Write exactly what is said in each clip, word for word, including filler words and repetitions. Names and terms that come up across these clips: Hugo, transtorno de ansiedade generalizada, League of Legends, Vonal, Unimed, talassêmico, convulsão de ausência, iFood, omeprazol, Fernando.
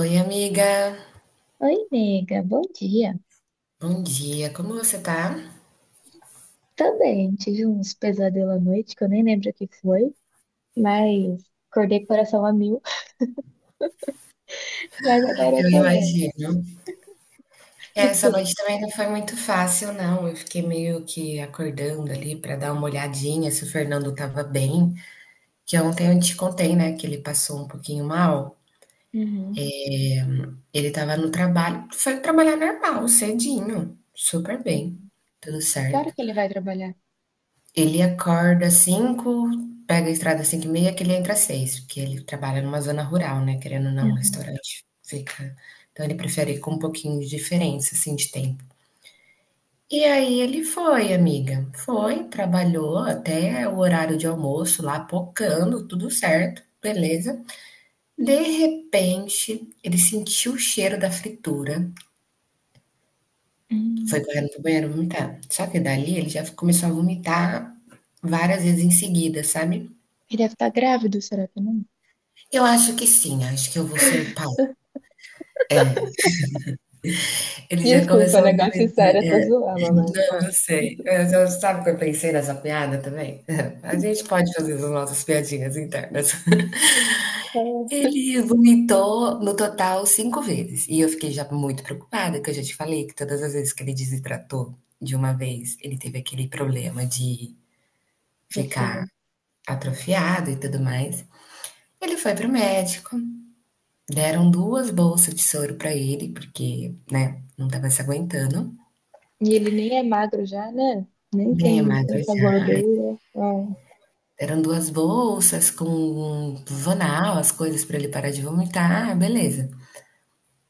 Oi, amiga. Oi, nega, bom dia. Bom dia. Como você tá? Também tive uns pesadelos à noite que eu nem lembro o que foi, mas acordei com o coração a mil, mas agora eu Eu tô bem. imagino. E Essa tu? noite também não foi muito fácil, não. Eu fiquei meio que acordando ali para dar uma olhadinha se o Fernando tava bem. Que ontem eu te contei, né, que ele passou um pouquinho mal. Uhum. Ele tava no trabalho, foi trabalhar normal, cedinho, super bem, tudo Que hora certo. que ele vai trabalhar? Ele acorda às cinco, pega a estrada às cinco e meia que ele entra às seis, porque ele trabalha numa zona rural, né, querendo ou não, o Uhum. restaurante fica. Então ele prefere ir com um pouquinho de diferença, assim, de tempo. E aí ele foi, amiga, foi, trabalhou até o horário de almoço lá, pocando, tudo certo, beleza. De repente, ele sentiu o cheiro da fritura, foi Hum. correndo pro banheiro vomitar. Só que dali ele já começou a vomitar várias vezes em seguida, sabe? Ele deve estar grávido, será que não? Eu acho que sim, acho que eu vou ser pai. Ele já Desculpa, começou a negócio vomitar. sério, eu tô zoando, né? Não, Ah. eu sei. Mas eu- sabe o que eu pensei nessa piada também? A gente pode fazer as nossas piadinhas internas. Ah, Ele vomitou no total cinco vezes. E eu fiquei já muito preocupada, que eu já te falei que todas as vezes que ele desidratou de uma vez, ele teve aquele problema de meu ficar filho. atrofiado e tudo mais. Ele foi pro médico, deram duas bolsas de soro pra ele, porque, né, não tava se aguentando. E ele nem é magro já, né? Nem Bem tem magro tanta já. gordura. Ah, Eram duas bolsas com um Vanal, as coisas pra ele parar de vomitar, ah, beleza.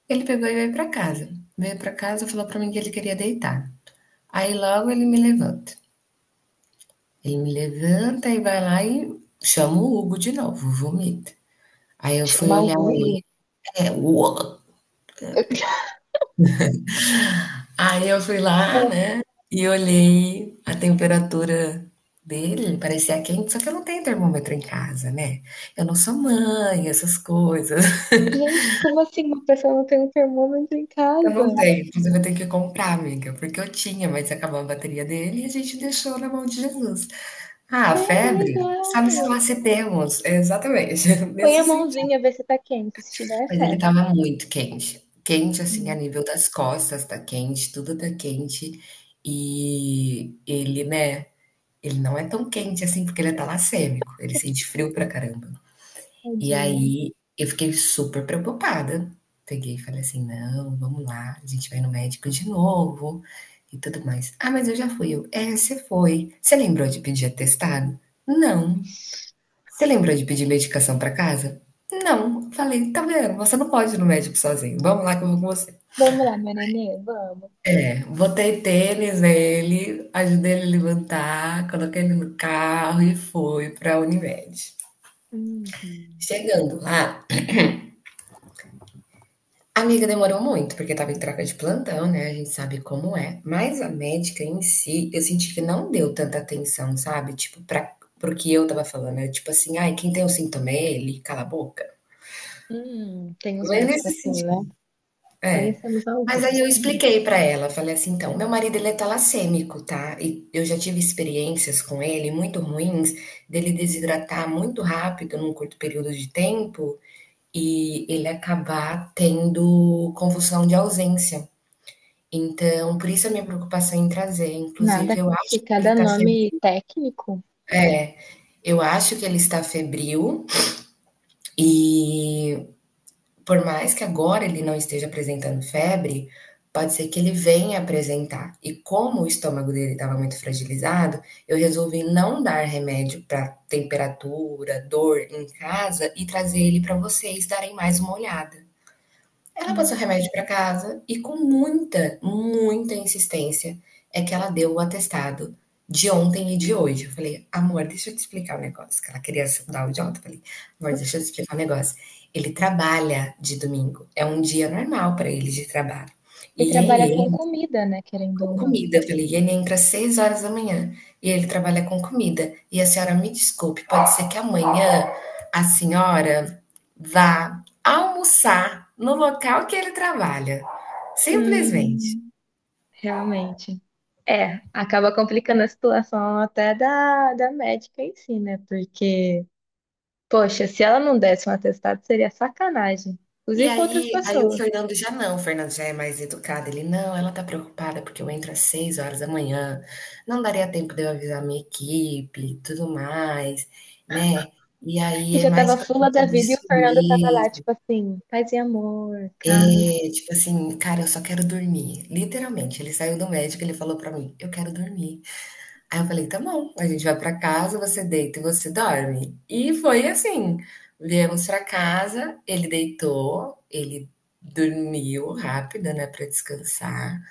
Ele pegou e veio pra casa. Veio pra casa, falou pra mim que ele queria deitar. Aí logo ele me levanta. Ele me levanta e vai lá e chama o Hugo de novo, vomita. Aí eu fui chamar o olhar ele, Hugo. é, uou. Aí eu fui lá, né, e olhei a temperatura dele, parecia quente, só que eu não tenho termômetro em casa, né? Eu não sou mãe, essas coisas. Gente, como assim uma pessoa não tem um termômetro em Eu não casa? tenho, inclusive eu tenho que comprar, amiga, porque eu tinha, mas acabou a bateria dele e a gente deixou na mão de Jesus. Ah, a É, que febre, legal. sabe se lá se temos. É, exatamente, Põe a nesse sentido. mãozinha, vê se tá quente. Se tiver, é Mas ele febre. tava muito quente, quente assim a Hum. nível das costas, tá quente, tudo tá quente. E ele, né, ele não é tão quente assim porque ele é talassêmico, ele sente frio pra caramba. E Tadinho. aí eu fiquei super preocupada. Peguei e falei assim: não, vamos lá, a gente vai no médico de novo e tudo mais. Ah, mas eu já fui. Eu, é, você foi. Você lembrou de pedir atestado? Não. Ixi. Você lembrou de pedir medicação para casa? Não. Falei, tá vendo? Você não pode ir no médico sozinho. Vamos lá que eu vou com você. Vamos lá, meu nenê, vamos. Botei tênis nele, ajudei ele a levantar, coloquei ele no carro e fui para a Unimed. Uhum. Chegando lá, Amiga, demorou muito, porque estava em troca de plantão, né? A gente sabe como é. Mas a médica em si, eu senti que não deu tanta atenção, sabe? Tipo, para pro que eu tava falando. É tipo assim, ai, quem tem um sintoma é ele, cala a boca. Hum, tem uns Mas médicos nesse assim, né? sentido, é. Conhecemos Mas aí alguns. eu Hum. expliquei pra ela, falei assim, então, meu marido ele é talassêmico, tá? E eu já tive experiências com ele muito ruins, dele desidratar muito rápido num curto período de tempo e ele acabar tendo convulsão de ausência. Então, por isso a minha preocupação em trazer, Nada inclusive eu acho que que ele cada está nome febril, técnico. é, eu acho que ele está febril e por mais que agora ele não esteja apresentando febre, pode ser que ele venha apresentar. E como o estômago dele estava muito fragilizado, eu resolvi não dar remédio para temperatura, dor em casa e trazer ele para vocês darem mais uma olhada. Ela Hum. passou remédio para casa e com muita, muita insistência é que ela deu o atestado de ontem e de hoje. Eu falei: "Amor, deixa eu te explicar o negócio", que ela queria dar o idiota, eu falei: "Amor, deixa eu te explicar o negócio. Ele trabalha de domingo, é um dia normal para ele de trabalho. E E trabalha com ele comida, né? Querendo com ou não. comida, eu falei, e ele entra às seis horas da manhã e ele trabalha com comida. E a senhora me desculpe, pode ser que amanhã a senhora vá almoçar no local que ele trabalha. Simplesmente." Hum. Realmente. É, acaba complicando a situação até da, da médica em si, né? Porque, poxa, se ela não desse um atestado, seria sacanagem. E Inclusive com outras aí aí o pessoas. Fernando já não, o Fernando já é mais educado, ele: "Não, ela tá preocupada porque eu entro às seis horas da manhã, não daria tempo de eu avisar minha equipe e tudo mais, né". E aí Você é já mais tava por fula conta da vida e o disso Fernando tava lá, mesmo. tipo assim, paz e amor, cara. É, tipo assim, cara, eu só quero dormir. Literalmente, ele saiu do médico, ele falou pra mim, eu quero dormir. Aí eu falei, tá bom, a gente vai pra casa, você deita e você dorme. E foi assim. Viemos pra casa, ele deitou, ele dormiu rápido, né, pra descansar.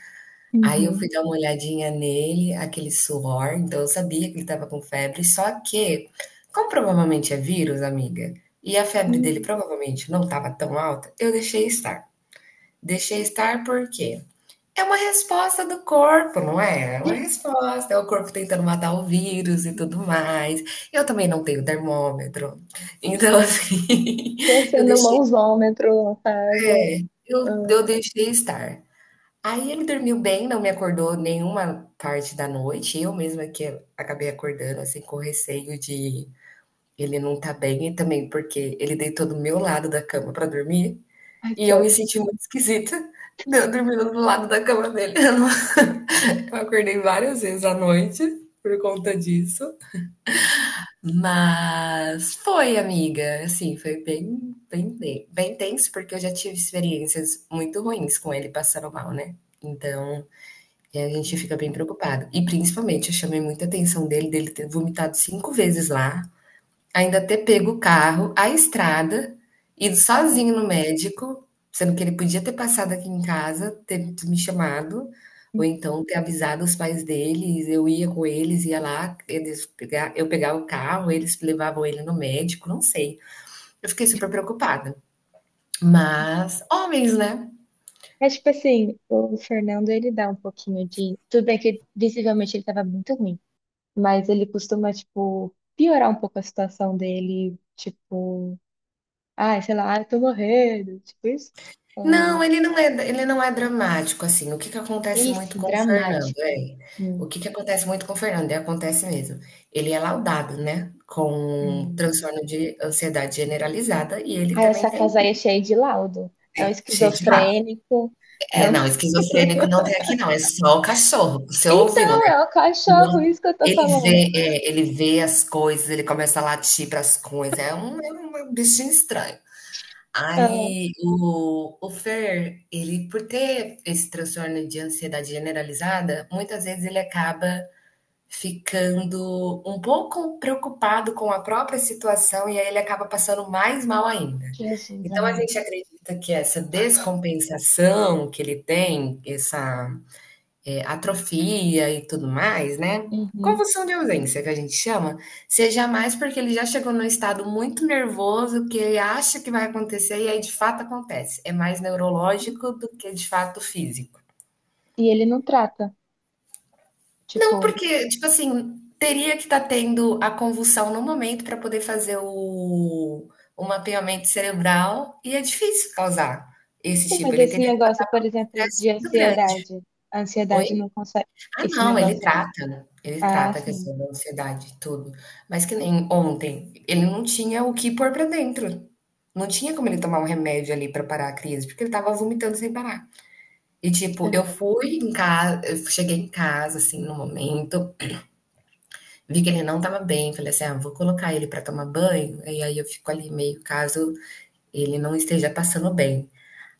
Aí eu Uhum. fui dar uma olhadinha nele, aquele suor, então eu sabia que ele tava com febre, só que, como provavelmente é vírus, amiga, e a febre dele Uhum. provavelmente não tava tão alta, eu deixei estar. Deixei estar por quê? É uma resposta do corpo, não é? É uma resposta, é o corpo tentando matar o vírus e tudo mais. Eu também não tenho termômetro. Então, assim, E eu sendo deixei, mãozômetro no caso. é, eu Ah, eu deixei estar. Aí ele dormiu bem, não me acordou nenhuma parte da noite, eu mesma que acabei acordando, assim, com receio de ele não estar bem e também porque ele deitou do meu lado da cama para dormir, ai, e que eu me ódio. senti muito esquisita, eu dormindo do lado da cama dele. Eu não Eu acordei várias vezes à noite por conta disso, mas foi, amiga, assim, foi bem, bem, bem tenso, porque eu já tive experiências muito ruins com ele passando mal, né? Então, a gente fica bem preocupado. E principalmente, eu chamei muita atenção dele, dele ter vomitado cinco vezes lá. Ainda ter pego o carro, a estrada, ido sozinho no médico, sendo que ele podia ter passado aqui em casa, ter me chamado, ou então ter avisado os pais deles, eu ia com eles, ia lá, eles pega eu pegava o carro, eles levavam ele no médico, não sei. Eu fiquei super preocupada. Mas homens, né? É tipo assim, o Fernando ele dá um pouquinho de. Tudo bem que visivelmente ele tava muito ruim, mas ele costuma, tipo, piorar um pouco a situação dele, tipo, ai, sei lá, ai, tô morrendo, tipo isso. Não, Ou, ele não é, ele não é dramático, assim. O que que acontece muito esse com o Fernando, dramático. é? Hum, O que que acontece muito com o Fernando, e acontece mesmo. Ele é laudado, né, com hum. transtorno de ansiedade generalizada e ele Ah, também essa tem casa aí é cheia de laudo. É um cheio de lá. esquizofrênico. É É, um... não, esquizofrênico não tem aqui não, é só o cachorro. Você ouviu, Então, né? é o cachorro, isso que eu tô Ele falando. vê, é, ele vê as coisas, ele começa a latir para as coisas. É um, é um bichinho estranho. Ah, Aí o o Fer, ele por ter esse transtorno de ansiedade generalizada, muitas vezes ele acaba ficando um pouco preocupado com a própria situação e aí ele acaba passando mais mal ainda. Jesus Então a amado. gente acredita que essa descompensação que ele tem, essa é, atrofia e tudo mais, né? Uhum. Convulsão de ausência, que a gente chama, seja mais porque ele já chegou num estado muito nervoso que ele acha que vai acontecer e aí de fato acontece. É mais neurológico do que de fato físico. E ele não trata, Não, tipo, porque, tipo assim, teria que estar tendo a convulsão no momento para poder fazer o, o mapeamento cerebral e é difícil causar esse sim, tipo. mas Ele esse teria que ter negócio, por um exemplo, de estresse muito grande. ansiedade. A Oi? ansiedade não consegue. Ah, Esse não, ele negócio. trata, né? Ele Ah, trata a sim. questão da ansiedade, tudo. Mas que nem ontem, ele não tinha o que pôr pra dentro. Não tinha como ele tomar um remédio ali pra parar a crise, porque ele tava vomitando sem parar. E tipo, eu fui em casa, eu cheguei em casa, assim, no momento, vi que ele não tava bem, falei assim, ah, vou colocar ele pra tomar banho, e aí eu fico ali meio caso ele não esteja passando bem.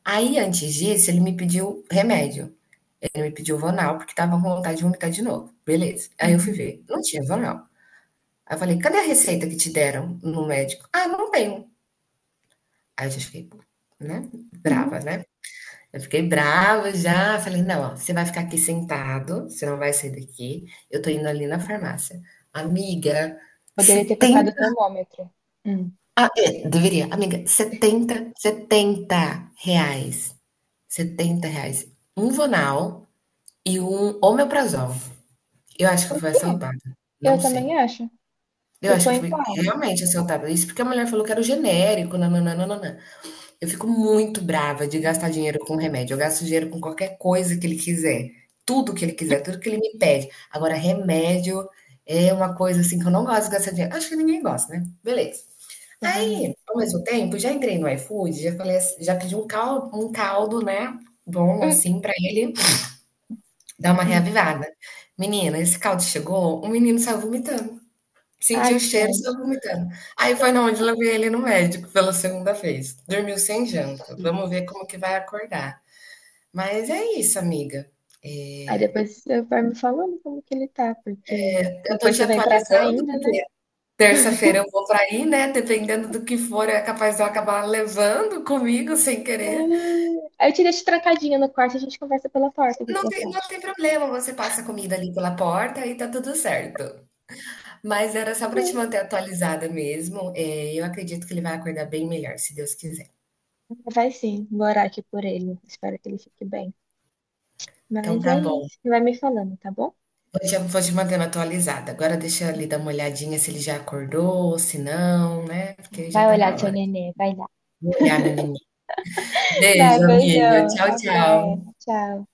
Aí, antes disso, ele me pediu remédio. Ele me pediu Vonal, porque estava com vontade de vomitar de novo. Beleza. Aí eu fui Uhum. ver, não tinha Vonal. Aí eu falei, cadê a receita que te deram no médico? Ah, não tenho. Aí eu já fiquei, né, Uhum. brava, né? Eu fiquei brava já. Falei, não, ó, você vai ficar aqui sentado, você não vai sair daqui. Eu tô indo ali na farmácia. Amiga, Poderia ter comprado o setenta, termômetro. Hum. ah, é, deveria. Amiga, setenta, setenta reais, setenta reais. Um Vonal e um omeprazol. Eu acho que eu Por fui quê? assaltada, Eu não também sei. acho. Eu Tu acho que foi eu em fui qual? realmente assaltada, isso porque a mulher falou que era o genérico, nã-nã-nã-nã-nã. Eu fico muito brava de Hum, gastar dinheiro com remédio, eu gasto dinheiro com qualquer coisa que ele quiser, tudo que ele quiser, tudo que ele me pede. Agora remédio é uma coisa, assim, que eu não gosto de gastar dinheiro, acho que ninguém gosta, né, beleza. Aí, Convenhamos. ao mesmo tempo, já entrei no iFood, já falei assi já pedi um caldo, um caldo, né, bom, Hum. assim, pra ele dar uma Hum. reavivada. Menina, esse caldo chegou, o menino saiu vomitando. Senti o Ai, que cheiro e ódio. saiu vomitando. Aí foi na onde eu levei ele no médico pela segunda vez. Dormiu sem janta. Vamos Sim. ver como que vai acordar. Mas é isso, amiga. Aí É, depois você vai me falando como que ele tá, porque eu tô depois te você vem pra cá atualizando, ainda, né? porque terça-feira eu vou pra aí, né? Dependendo do que for, é capaz de eu acabar levando comigo sem querer. Ah, aí eu te deixo trancadinha no quarto, e a gente conversa pela porta, o que que Não você tem, não acha? tem problema, você passa a comida ali pela porta e tá tudo certo. Mas era só pra te É. manter atualizada mesmo. É, eu acredito que ele vai acordar bem melhor, se Deus quiser. Vai sim, vou orar aqui por ele. Espero que ele fique bem. Então Mas tá é bom. isso, vai me falando, tá bom? Hoje te, vou te mantendo atualizada. Agora deixa ele dar uma olhadinha se ele já acordou, se não, né? Porque já Vai tá olhar na seu hora. nenê, vai lá. Vou olhar, meu neném. Beijo, Vai, amiga. beijão. Tchau, Até. tchau. Tchau.